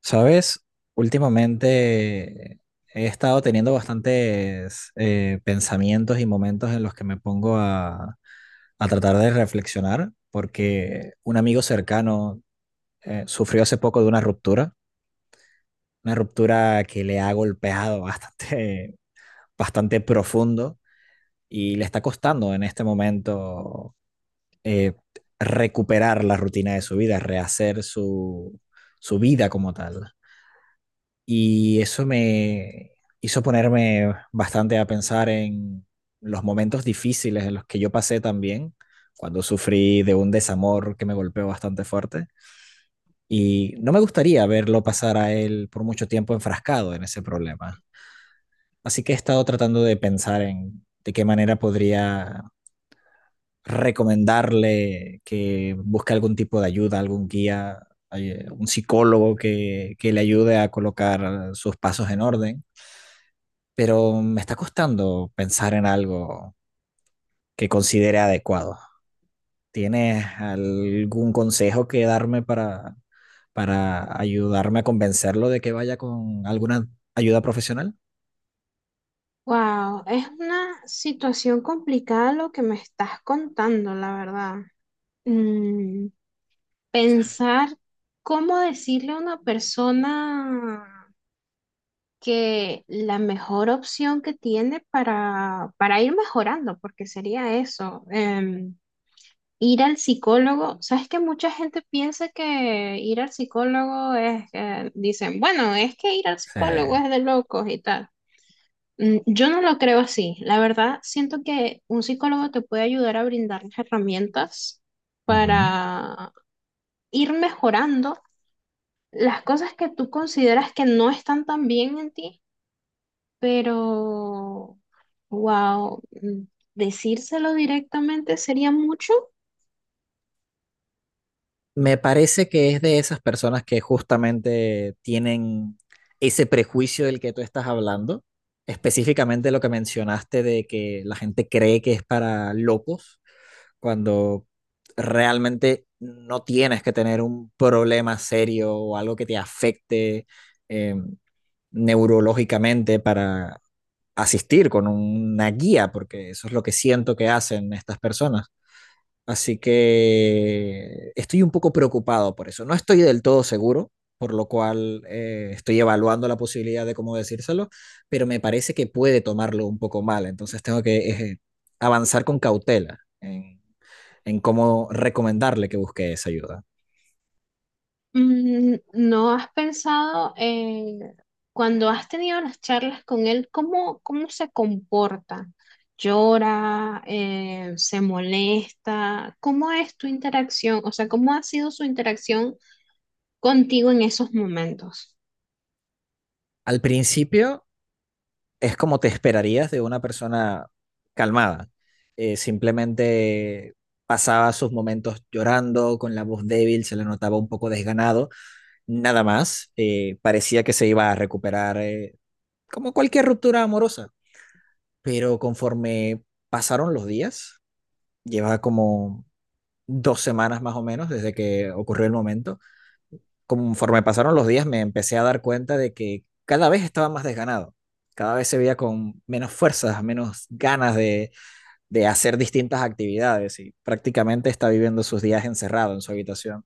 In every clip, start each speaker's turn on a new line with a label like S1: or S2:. S1: Sabes, últimamente he estado teniendo bastantes pensamientos y momentos en los que me pongo a tratar de reflexionar, porque un amigo cercano sufrió hace poco de una ruptura que le ha golpeado bastante, bastante profundo y le está costando en este momento eh, recuperar la rutina de su vida, rehacer su vida como tal. Y eso me hizo ponerme bastante a pensar en los momentos difíciles en los que yo pasé también, cuando sufrí de un desamor que me golpeó bastante fuerte. Y no me gustaría verlo pasar a él por mucho tiempo enfrascado en ese problema. Así que he estado tratando de pensar en de qué manera podría recomendarle que busque algún tipo de ayuda, algún guía, un psicólogo que le ayude a colocar sus pasos en orden, pero me está costando pensar en algo que considere adecuado. ¿Tienes algún consejo que darme para ayudarme a convencerlo de que vaya con alguna ayuda profesional?
S2: Wow, es una situación complicada lo que me estás contando, la verdad. Mm, pensar cómo decirle a una persona que la mejor opción que tiene para ir mejorando, porque sería eso, ir al psicólogo. Sabes que mucha gente piensa que ir al psicólogo es, dicen, bueno, es que ir al
S1: Sí.
S2: psicólogo es de locos y tal. Mm. Yo no lo creo así. La verdad, siento que un psicólogo te puede ayudar a brindar las herramientas
S1: Ujú.
S2: para ir mejorando las cosas que tú consideras que no están tan bien en ti, pero, wow, decírselo directamente sería mucho.
S1: Me parece que es de esas personas que justamente tienen ese prejuicio del que tú estás hablando, específicamente lo que mencionaste de que la gente cree que es para locos, cuando realmente no tienes que tener un problema serio o algo que te afecte eh, neurológicamente para asistir con una guía, porque eso es lo que siento que hacen estas personas. Así que estoy un poco preocupado por eso. No estoy del todo seguro, por lo cual estoy evaluando la posibilidad de cómo decírselo, pero me parece que puede tomarlo un poco mal. Entonces tengo que avanzar con cautela en cómo recomendarle que busque esa ayuda.
S2: ¿No has pensado cuando has tenido las charlas con él, cómo se comporta? ¿Llora? ¿Se molesta? ¿Cómo es tu interacción? O sea, ¿cómo ha sido su interacción contigo en esos momentos?
S1: Al principio es como te esperarías de una persona calmada. Simplemente pasaba sus momentos llorando, con la voz débil, se le notaba un poco desganado nada más. Parecía que se iba a recuperar, como cualquier ruptura amorosa, pero conforme pasaron los días, lleva como 2 semanas más o menos desde que ocurrió el momento, conforme pasaron los días me empecé a dar cuenta de que cada vez estaba más desganado, cada vez se veía con menos fuerzas, menos ganas de hacer distintas actividades y prácticamente está viviendo sus días encerrado en su habitación.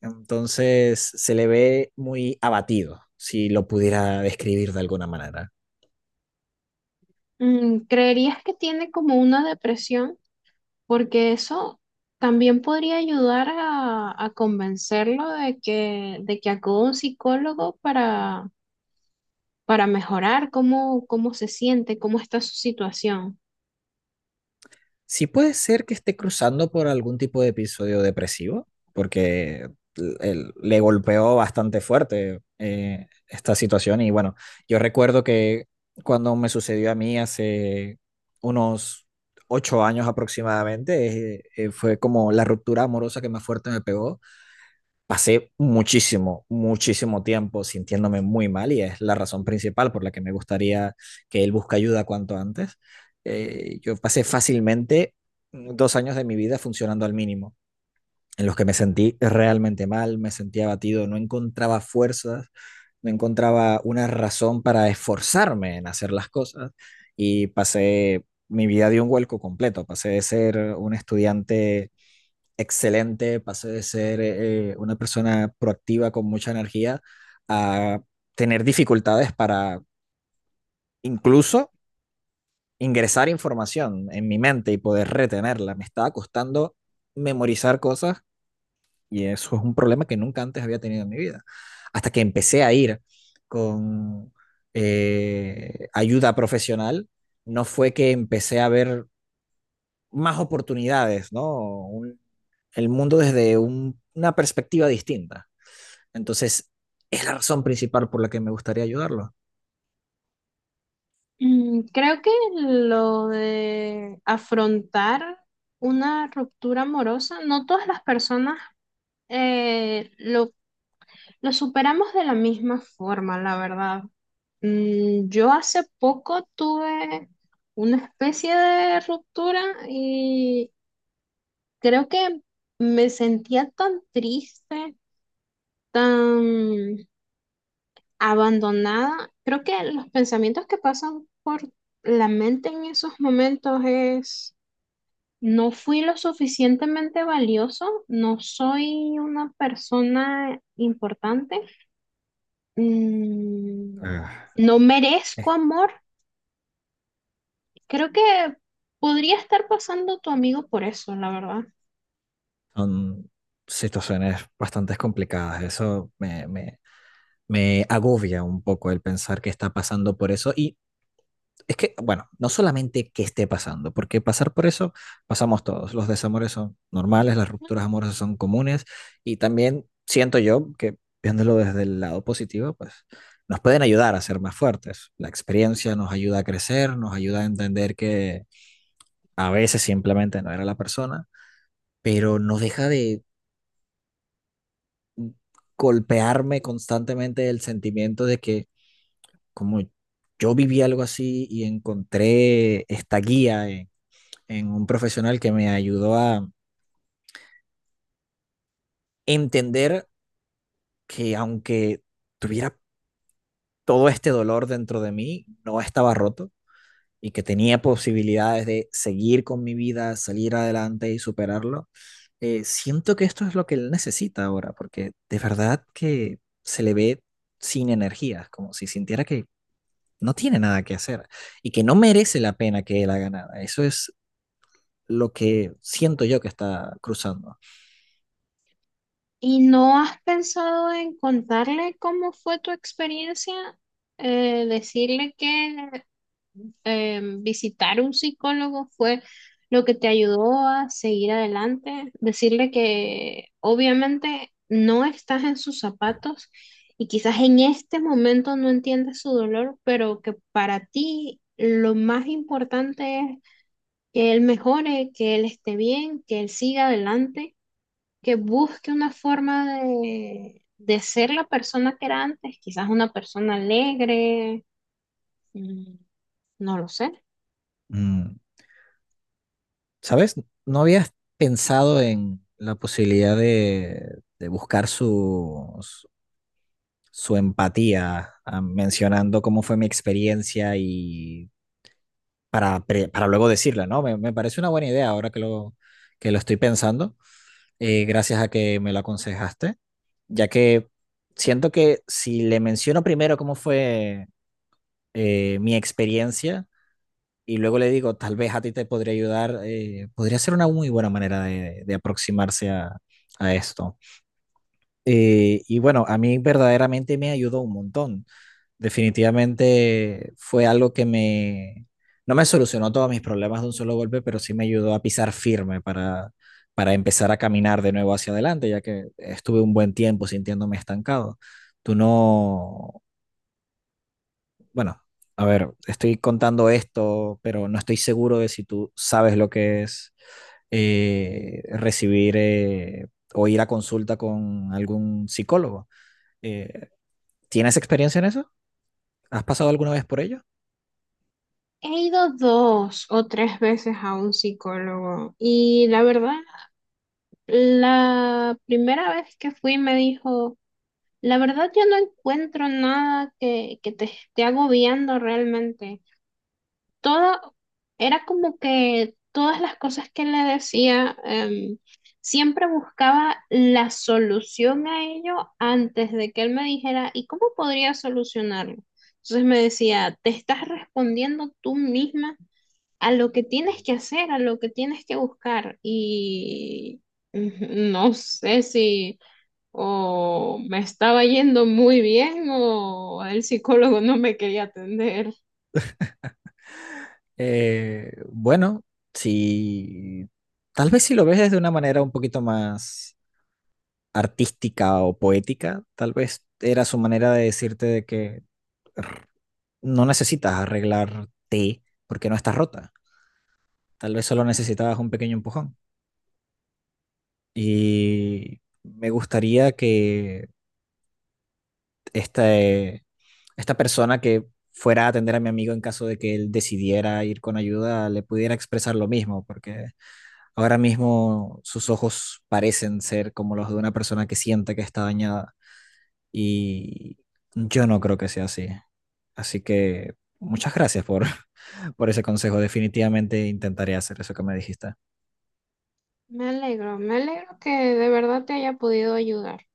S1: Entonces se le ve muy abatido, si lo pudiera describir de alguna manera.
S2: Mm. ¿Creerías que tiene como una depresión? Porque eso también podría ayudar a convencerlo de que acuda a un psicólogo para mejorar cómo se siente, cómo está su situación.
S1: Sí, puede ser que esté cruzando por algún tipo de episodio depresivo, porque le golpeó bastante fuerte, esta situación y bueno, yo recuerdo que cuando me sucedió a mí hace unos 8 años aproximadamente, fue como la ruptura amorosa que más fuerte me pegó. Pasé muchísimo, muchísimo tiempo sintiéndome muy mal y es la razón principal por la que me gustaría que él busque ayuda cuanto antes. Yo pasé fácilmente 2 años de mi vida funcionando al mínimo, en los que me sentí realmente mal, me sentía abatido, no encontraba fuerzas, no encontraba una razón para esforzarme en hacer las cosas y pasé mi vida de un vuelco completo, pasé de ser un estudiante excelente, pasé de ser una persona proactiva con mucha energía a tener dificultades para incluso ingresar información en mi mente y poder retenerla. Me estaba costando memorizar cosas y eso es un problema que nunca antes había tenido en mi vida. Hasta que empecé a ir con ayuda profesional, no fue que empecé a ver más oportunidades, ¿no? Un- el mundo desde una perspectiva distinta. Entonces, es la razón principal por la que me gustaría ayudarlo.
S2: Mm. Creo que lo de afrontar una ruptura amorosa, no todas las personas eh, lo, lo superamos de la misma forma, la verdad. Mm. Yo hace poco tuve una especie de ruptura y creo que me sentía tan triste, tan abandonada. Creo que los pensamientos que pasan por la mente en esos momentos es, no fui lo suficientemente valioso, no soy una persona importante, mm,
S1: Ah,
S2: no merezco
S1: eh,
S2: amor. Creo que podría estar pasando tu amigo por eso, la verdad.
S1: son situaciones bastante complicadas. Eso me agobia un poco el pensar que está pasando por eso. Y es que, bueno, no solamente que esté pasando, porque pasar por eso pasamos todos. Los desamores son normales, las rupturas amorosas son comunes y también siento yo que viéndolo desde el lado positivo, pues nos pueden ayudar a ser más fuertes. La experiencia nos ayuda a crecer, nos ayuda a entender que a veces simplemente no era la persona, pero no deja de golpearme constantemente el sentimiento de que, como yo viví algo así y encontré esta guía en un profesional que me ayudó a entender que, aunque tuviera todo este dolor dentro de mí, no estaba roto y que tenía posibilidades de seguir con mi vida, salir adelante y superarlo, siento que esto es lo que él necesita ahora, porque de verdad que se le ve sin energías, como si sintiera que no tiene nada que hacer y que no merece la pena que él haga nada. Eso es lo que siento yo que está cruzando.
S2: ¿Y no has pensado en contarle cómo fue tu experiencia? Decirle que visitar un psicólogo fue lo que te ayudó a seguir adelante, decirle que obviamente no estás en sus zapatos y quizás en este momento no entiendes su dolor, pero que para ti lo más importante es que él mejore, que él esté bien, que él siga adelante, que busque una forma de ser la persona que era antes, quizás una persona alegre, mm, no lo sé.
S1: Mm. ¿Sabes? No habías pensado en la posibilidad de buscar su empatía, ah, mencionando cómo fue mi experiencia y para luego decirla, ¿no? Me parece una buena idea ahora que que lo estoy pensando, gracias a que me lo aconsejaste, ya que siento que si le menciono primero cómo fue mi experiencia y luego le digo, tal vez a ti te podría ayudar, podría ser una muy buena manera de aproximarse a esto. Y bueno, a mí verdaderamente me ayudó un montón. Definitivamente fue algo que no me solucionó todos mis problemas de un solo golpe, pero sí me ayudó a pisar firme para empezar a caminar de nuevo hacia adelante, ya que estuve un buen tiempo sintiéndome estancado. Tú no, Bueno, a ver, estoy contando esto, pero no estoy seguro de si tú sabes lo que es recibir, o ir a consulta con algún psicólogo. Eh, ¿Tienes experiencia en eso? ¿Has pasado alguna vez por ello?
S2: He ido dos o tres veces a un psicólogo y la verdad, la primera vez que fui me dijo, la verdad yo no encuentro nada que te esté agobiando realmente. Todo era como que todas las cosas que le decía, siempre buscaba la solución a ello antes de que él me dijera, ¿y cómo podría solucionarlo? Entonces me decía, ¿te estás respondiendo tú misma a lo que tienes que hacer, a lo que tienes que buscar? Y no sé si o me estaba yendo muy bien o el psicólogo no me quería atender.
S1: Bueno, si tal vez si lo ves desde una manera un poquito más artística o poética, tal vez era su manera de decirte de que no necesitas arreglarte porque no estás rota. Tal vez solo necesitabas un pequeño empujón. Y me gustaría que este, esta persona que fuera a atender a mi amigo, en caso de que él decidiera ir con ayuda, le pudiera expresar lo mismo, porque ahora mismo sus ojos parecen ser como los de una persona que siente que está dañada y yo no creo que sea así. Así que muchas gracias por ese consejo. Definitivamente intentaré hacer eso que me dijiste.
S2: Me alegro que de verdad te haya podido ayudar.